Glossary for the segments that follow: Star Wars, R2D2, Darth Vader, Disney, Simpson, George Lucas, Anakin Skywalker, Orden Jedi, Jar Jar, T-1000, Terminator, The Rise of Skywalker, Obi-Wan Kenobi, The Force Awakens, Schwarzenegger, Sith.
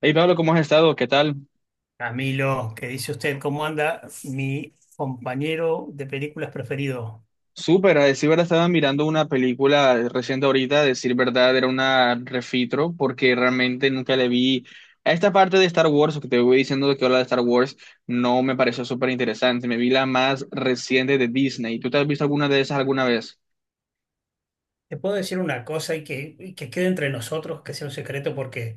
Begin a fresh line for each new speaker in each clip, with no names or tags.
Hey Pablo, ¿cómo has estado? ¿Qué tal?
Camilo, ¿qué dice usted? ¿Cómo anda mi compañero de películas preferido?
Súper, a decir verdad, estaba mirando una película reciente ahorita, a decir verdad, era una refitro, porque realmente nunca le vi a esta parte de Star Wars, o que te voy diciendo de que habla de Star Wars, no me pareció súper interesante. Me vi la más reciente de Disney. ¿Tú te has visto alguna de esas alguna vez?
Te puedo decir una cosa y que quede entre nosotros, que sea un secreto, porque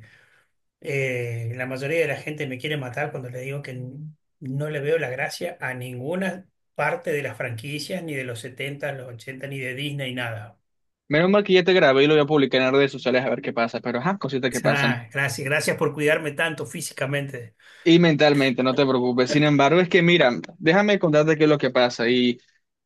la mayoría de la gente me quiere matar cuando le digo que no le veo la gracia a ninguna parte de las franquicias, ni de los 70, los 80 ni de Disney, nada.
Menos mal que ya te grabé y lo voy a publicar en las redes sociales a ver qué pasa, pero ajá, cositas que pasan.
Ah, gracias, gracias por cuidarme tanto físicamente.
Y mentalmente, no te preocupes. Sin embargo, es que mira, déjame contarte qué es lo que pasa. Y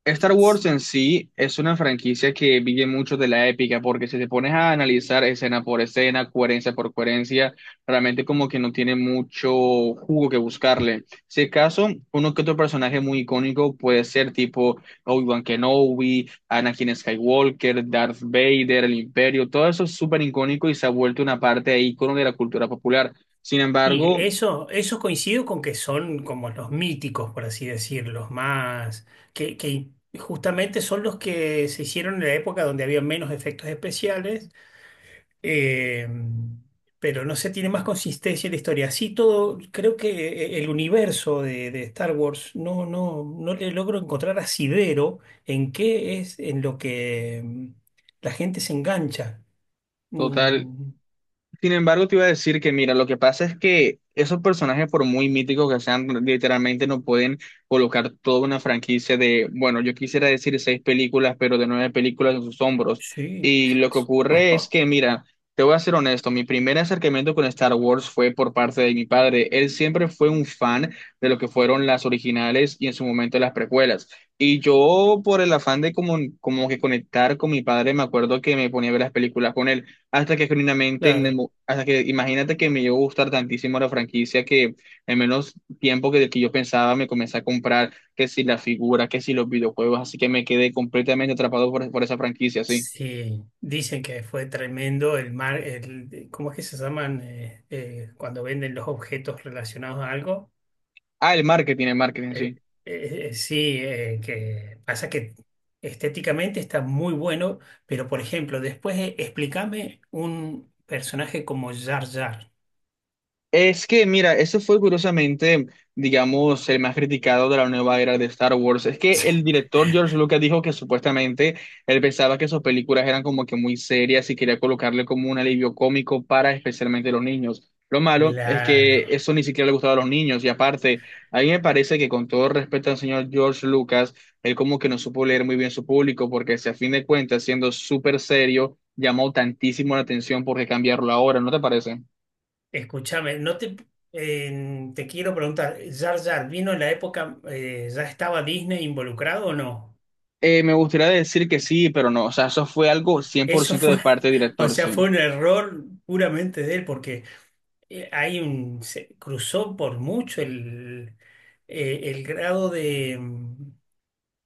Star Wars en sí es una franquicia que vive mucho de la épica, porque si te pones a analizar escena por escena, coherencia por coherencia, realmente como que no tiene mucho jugo que buscarle. Si acaso, uno que otro personaje muy icónico puede ser tipo Obi-Wan Kenobi, Anakin Skywalker, Darth Vader, el Imperio, todo eso es súper icónico y se ha vuelto una parte de icono de la cultura popular. Sin
Y
embargo,
eso coincido con que son como los míticos, por así decirlo, los más, que justamente son los que se hicieron en la época donde había menos efectos especiales, eh, pero no se tiene más consistencia en la historia. Así todo, creo que el universo de Star Wars no le logro encontrar asidero en qué es en lo que la gente se engancha.
total.
Mm,
Sin embargo, te iba a decir que, mira, lo que pasa es que esos personajes, por muy míticos que sean, literalmente no pueden colocar toda una franquicia de, bueno, yo quisiera decir seis películas, pero de nueve películas en sus hombros.
sí,
Y lo que ocurre es que, mira, te voy a ser honesto, mi primer acercamiento con Star Wars fue por parte de mi padre. Él siempre fue un fan de lo que fueron las originales y en su momento las precuelas. Y yo, por el afán de como, como que conectar con mi padre, me acuerdo que me ponía a ver las películas con él hasta que genuinamente,
claro.
hasta que imagínate que me llegó a gustar tantísimo la franquicia que en menos tiempo que yo pensaba me comencé a comprar que si la figura, que si los videojuegos, así que me quedé completamente atrapado por esa franquicia, sí.
Sí, dicen que fue tremendo el mar, el, ¿cómo es que se llaman cuando venden los objetos relacionados a algo?
Ah, el marketing, sí.
El- sí, que pasa que estéticamente está muy bueno, pero por ejemplo, después explícame un personaje como Jar Jar.
Es que, mira, ese fue curiosamente, digamos, el más criticado de la nueva era de Star Wars. Es que el director George Lucas dijo que supuestamente él pensaba que sus películas eran como que muy serias y quería colocarle como un alivio cómico para especialmente los niños. Lo malo es que
Claro,
eso ni siquiera le gustaba a los niños. Y aparte, a mí me parece que con todo respeto al señor George Lucas, él como que no supo leer muy bien su público, porque si a fin de cuentas, siendo súper serio, llamó tantísimo la atención porque cambiarlo ahora, ¿no te parece?
escúchame, no te, te quiero preguntar, ¿Jar Jar vino en la época, ya estaba Disney involucrado o no?
Me gustaría decir que sí, pero no, o sea, eso fue algo cien por
Eso
ciento de
fue,
parte del
o
director,
sea,
sí.
fue un error puramente de él, porque hay un, se cruzó por mucho el grado de,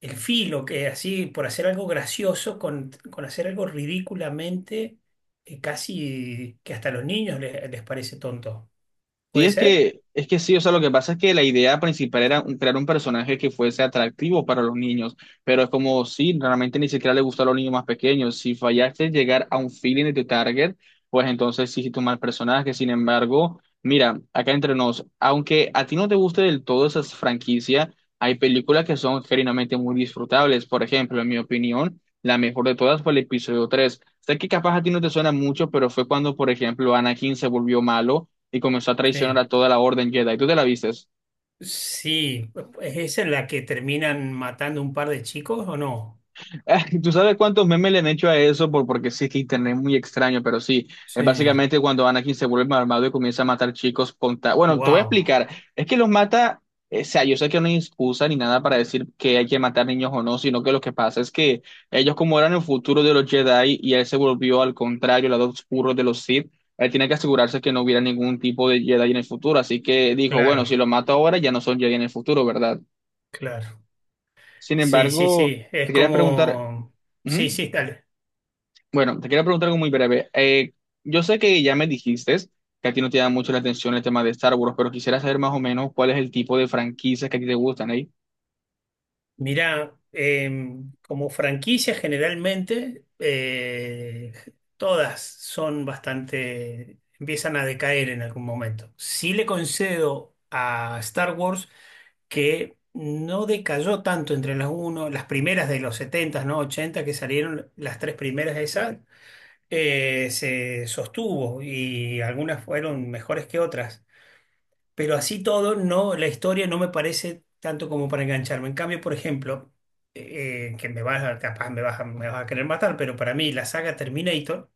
el filo, que así, por hacer algo gracioso, con hacer algo ridículamente, casi que hasta a los niños les parece tonto.
Sí,
¿Puede ser?
es que sí, o sea, lo que pasa es que la idea principal era crear un personaje que fuese atractivo para los niños, pero es como si realmente ni siquiera le gusta a los niños más pequeños. Si fallaste en llegar a un feeling de tu target, pues entonces sí hiciste un mal personaje. Sin embargo, mira, acá entre nos, aunque a ti no te guste del todo esa franquicia, hay películas que son genuinamente muy disfrutables. Por ejemplo, en mi opinión, la mejor de todas fue el episodio tres. Sé que capaz a ti no te suena mucho, pero fue cuando, por ejemplo, Anakin se volvió malo y comenzó a traicionar
Sí.
a toda la Orden Jedi. ¿Tú te la vistes?
Sí, ¿es esa en la que terminan matando un par de chicos o no?
¿Tú sabes cuántos memes le han hecho a eso? Por, porque sí, es que internet es muy extraño, pero sí, es
Sí.
básicamente cuando Anakin se vuelve malvado y comienza a matar chicos bueno, te voy a
Wow,
explicar. Es que los mata, o sea, yo sé que no hay excusa ni nada para decir que hay que matar niños o no, sino que lo que pasa es que ellos como eran el futuro de los Jedi y él se volvió al contrario, el lado oscuro de los Sith. Él tiene que asegurarse que no hubiera ningún tipo de Jedi en el futuro, así que dijo, bueno, si
claro,
lo mato ahora ya no son Jedi en el futuro, ¿verdad?
claro.
Sin
Sí, sí,
embargo,
sí,
te
es
quería preguntar,
como, sí,
ujú.
sí, dale.
Bueno, te quería preguntar algo muy breve. Yo sé que ya me dijiste que a ti no te da mucho la atención el tema de Star Wars, pero quisiera saber más o menos cuál es el tipo de franquicias que a ti te gustan, ¿eh?
Mirá, como franquicia generalmente, todas son bastante, empiezan a decaer en algún momento. Sí le concedo a Star Wars que no decayó tanto entre las uno, las primeras de los 70, ¿no? Ochenta que salieron, las tres primeras de esas, se sostuvo y algunas fueron mejores que otras. Pero así todo, no, la historia no me parece tanto como para engancharme. En cambio, por ejemplo, que me vas a, capaz me vas a querer matar, pero para mí la saga Terminator,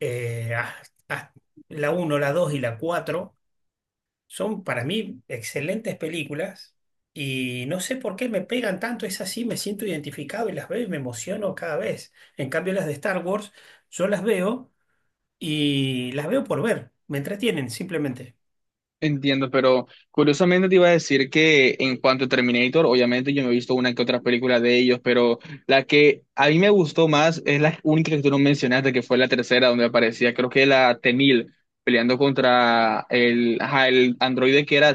eh, ah, ah, la uno, la 2 y la 4 son para mí excelentes películas y no sé por qué me pegan tanto, es así, me siento identificado y las veo y me emociono cada vez. En cambio, las de Star Wars, yo las veo y las veo por ver, me entretienen simplemente.
Entiendo, pero curiosamente te iba a decir que en cuanto a Terminator, obviamente yo me he visto una que otra película de ellos, pero la que a mí me gustó más es la única que tú no mencionaste, que fue la tercera, donde aparecía, creo que la T-1000, peleando contra el, ajá, el androide que era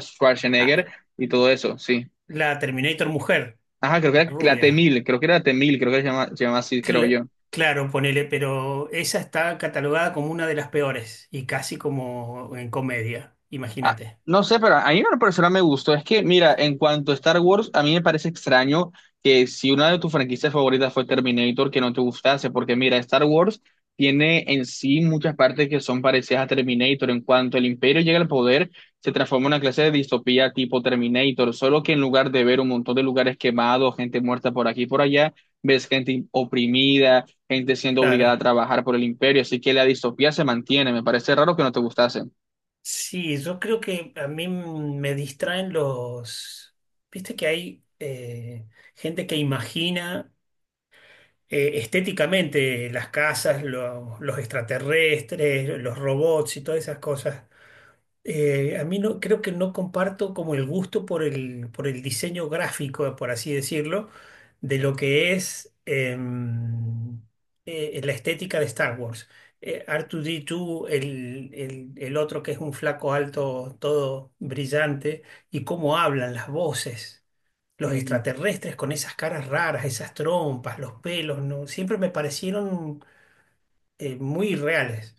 Ah,
Schwarzenegger y todo eso, sí.
la Terminator Mujer.
Ajá, creo que era la
Rubia.
T-1000, creo que era la T-1000, creo que se llama así, creo
Cl-
yo.
claro, ponele, pero esa está catalogada como una de las peores y casi como en comedia,
Ah,
imagínate.
no sé, pero a mí una persona me gustó. Es que, mira, en cuanto a Star Wars, a mí me parece extraño que si una de tus franquicias favoritas fue Terminator, que no te gustase, porque mira, Star Wars tiene en sí muchas partes que son parecidas a Terminator. En cuanto el imperio llega al poder, se transforma en una clase de distopía tipo Terminator, solo que en lugar de ver un montón de lugares quemados, gente muerta por aquí y por allá, ves gente oprimida, gente siendo obligada a
Claro.
trabajar por el imperio, así que la distopía se mantiene. Me parece raro que no te gustase.
Sí, yo creo que a mí me distraen los... Viste que hay gente que imagina estéticamente las casas, los extraterrestres, los robots y todas esas cosas. A mí no, creo que no comparto como el gusto por el diseño gráfico, por así decirlo, de lo que es la estética de Star Wars. R2D2, el otro que es un flaco alto, todo brillante, y cómo hablan las voces, los extraterrestres con esas caras raras, esas trompas, los pelos, ¿no? Siempre me parecieron muy reales.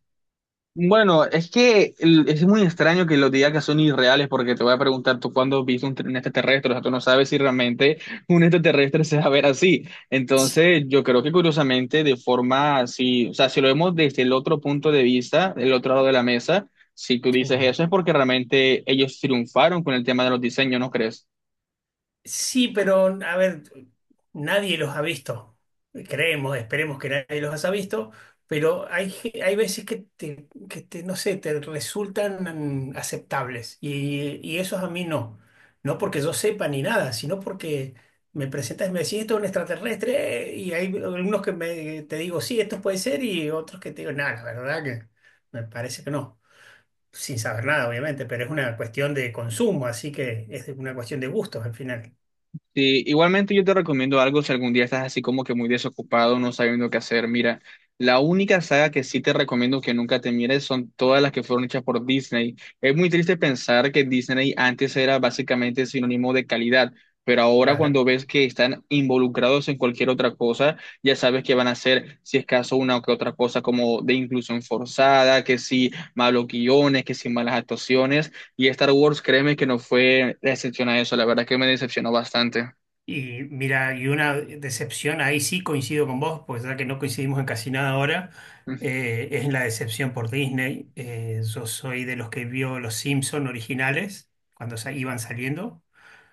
Bueno, es que es muy extraño que los digas que son irreales porque te voy a preguntar tú cuándo viste un extraterrestre, o sea, tú no sabes si realmente un extraterrestre se va a ver así. Entonces, yo creo que curiosamente, de forma así, o sea, si lo vemos desde el otro punto de vista, el otro lado de la mesa, si tú dices
Sí.
eso es porque realmente ellos triunfaron con el tema de los diseños, ¿no crees?
Sí, pero a ver, nadie los ha visto. Creemos, esperemos que nadie los haya visto, pero hay veces que te, no sé, te resultan aceptables. Y esos a mí no. No porque yo sepa ni nada, sino porque me presentas y me decís, esto es un extraterrestre, y hay algunos que me, te digo, sí, esto puede ser, y otros que te digo, nada, la verdad que me parece que no. Sin saber nada, obviamente, pero es una cuestión de consumo, así que es una cuestión de gustos al final.
Sí, igualmente yo te recomiendo algo si algún día estás así como que muy desocupado, no sabiendo qué hacer. Mira, la única saga que sí te recomiendo que nunca te mires son todas las que fueron hechas por Disney. Es muy triste pensar que Disney antes era básicamente sinónimo de calidad, pero ahora
Claro.
cuando ves que están involucrados en cualquier otra cosa, ya sabes que van a hacer, si es caso, una o que otra cosa como de inclusión forzada, que si malos guiones, que si malas actuaciones. Y Star Wars, créeme que no fue excepción a eso, la verdad que me decepcionó bastante.
Y mira, y una decepción, ahí sí coincido con vos, pues ya que no coincidimos en casi nada ahora, es la decepción por Disney. Yo soy de los que vio los Simpson originales cuando iban saliendo.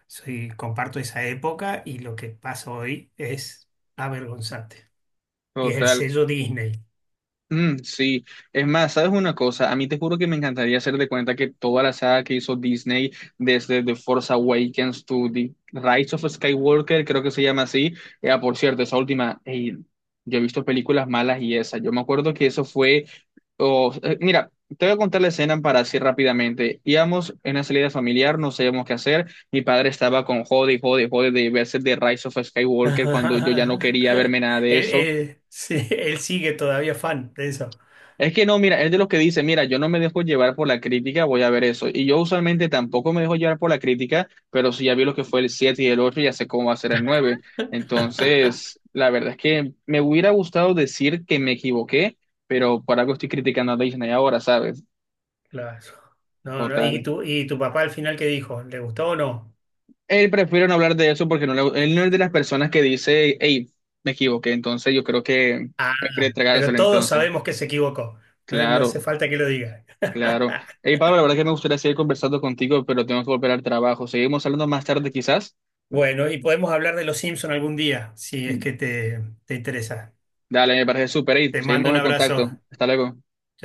Soy, comparto esa época y lo que pasa hoy es avergonzante. Y es el
Total.
sello Disney.
Sí, es más, ¿sabes una cosa? A mí te juro que me encantaría hacer de cuenta que toda la saga que hizo Disney, desde The Force Awakens to The Rise of Skywalker, creo que se llama así. Por cierto, esa última, ey, yo he visto películas malas y esa. Yo me acuerdo que eso fue. Mira, te voy a contar la escena para así rápidamente. Íbamos en una salida familiar, no sabíamos qué hacer. Mi padre estaba con jode, y jode, y jode de verse The Rise of Skywalker cuando yo ya no
Él,
quería verme nada de eso.
él sí, él sigue todavía fan de eso.
Es que no, mira, es de los que dice, mira, yo no me dejo llevar por la crítica, voy a ver eso. Y yo usualmente tampoco me dejo llevar por la crítica, pero si ya vi lo que fue el 7 y el 8, ya sé cómo va a ser el 9. Entonces, la verdad es que me hubiera gustado decir que me equivoqué, pero por algo estoy criticando a Disney ahora, ¿sabes?
Claro. No, no, ¿y
Total.
tu papá al final qué dijo? ¿Le gustó o no?
Él prefiere no hablar de eso porque él no es de las personas que dice, hey, me equivoqué. Entonces, yo creo que
Ah,
prefiere
pero
tragárselo
todos
entonces.
sabemos que se equivocó. No, no hace
Claro.
falta que lo diga.
Claro. Hey, Pablo, la verdad que me gustaría seguir conversando contigo, pero tengo que volver al trabajo. Seguimos hablando más tarde, quizás.
Bueno, y podemos hablar de los Simpson algún día, si es que te, interesa.
Dale, me parece súper. Hey,
Te mando
seguimos
un
en contacto.
abrazo.
Hasta luego.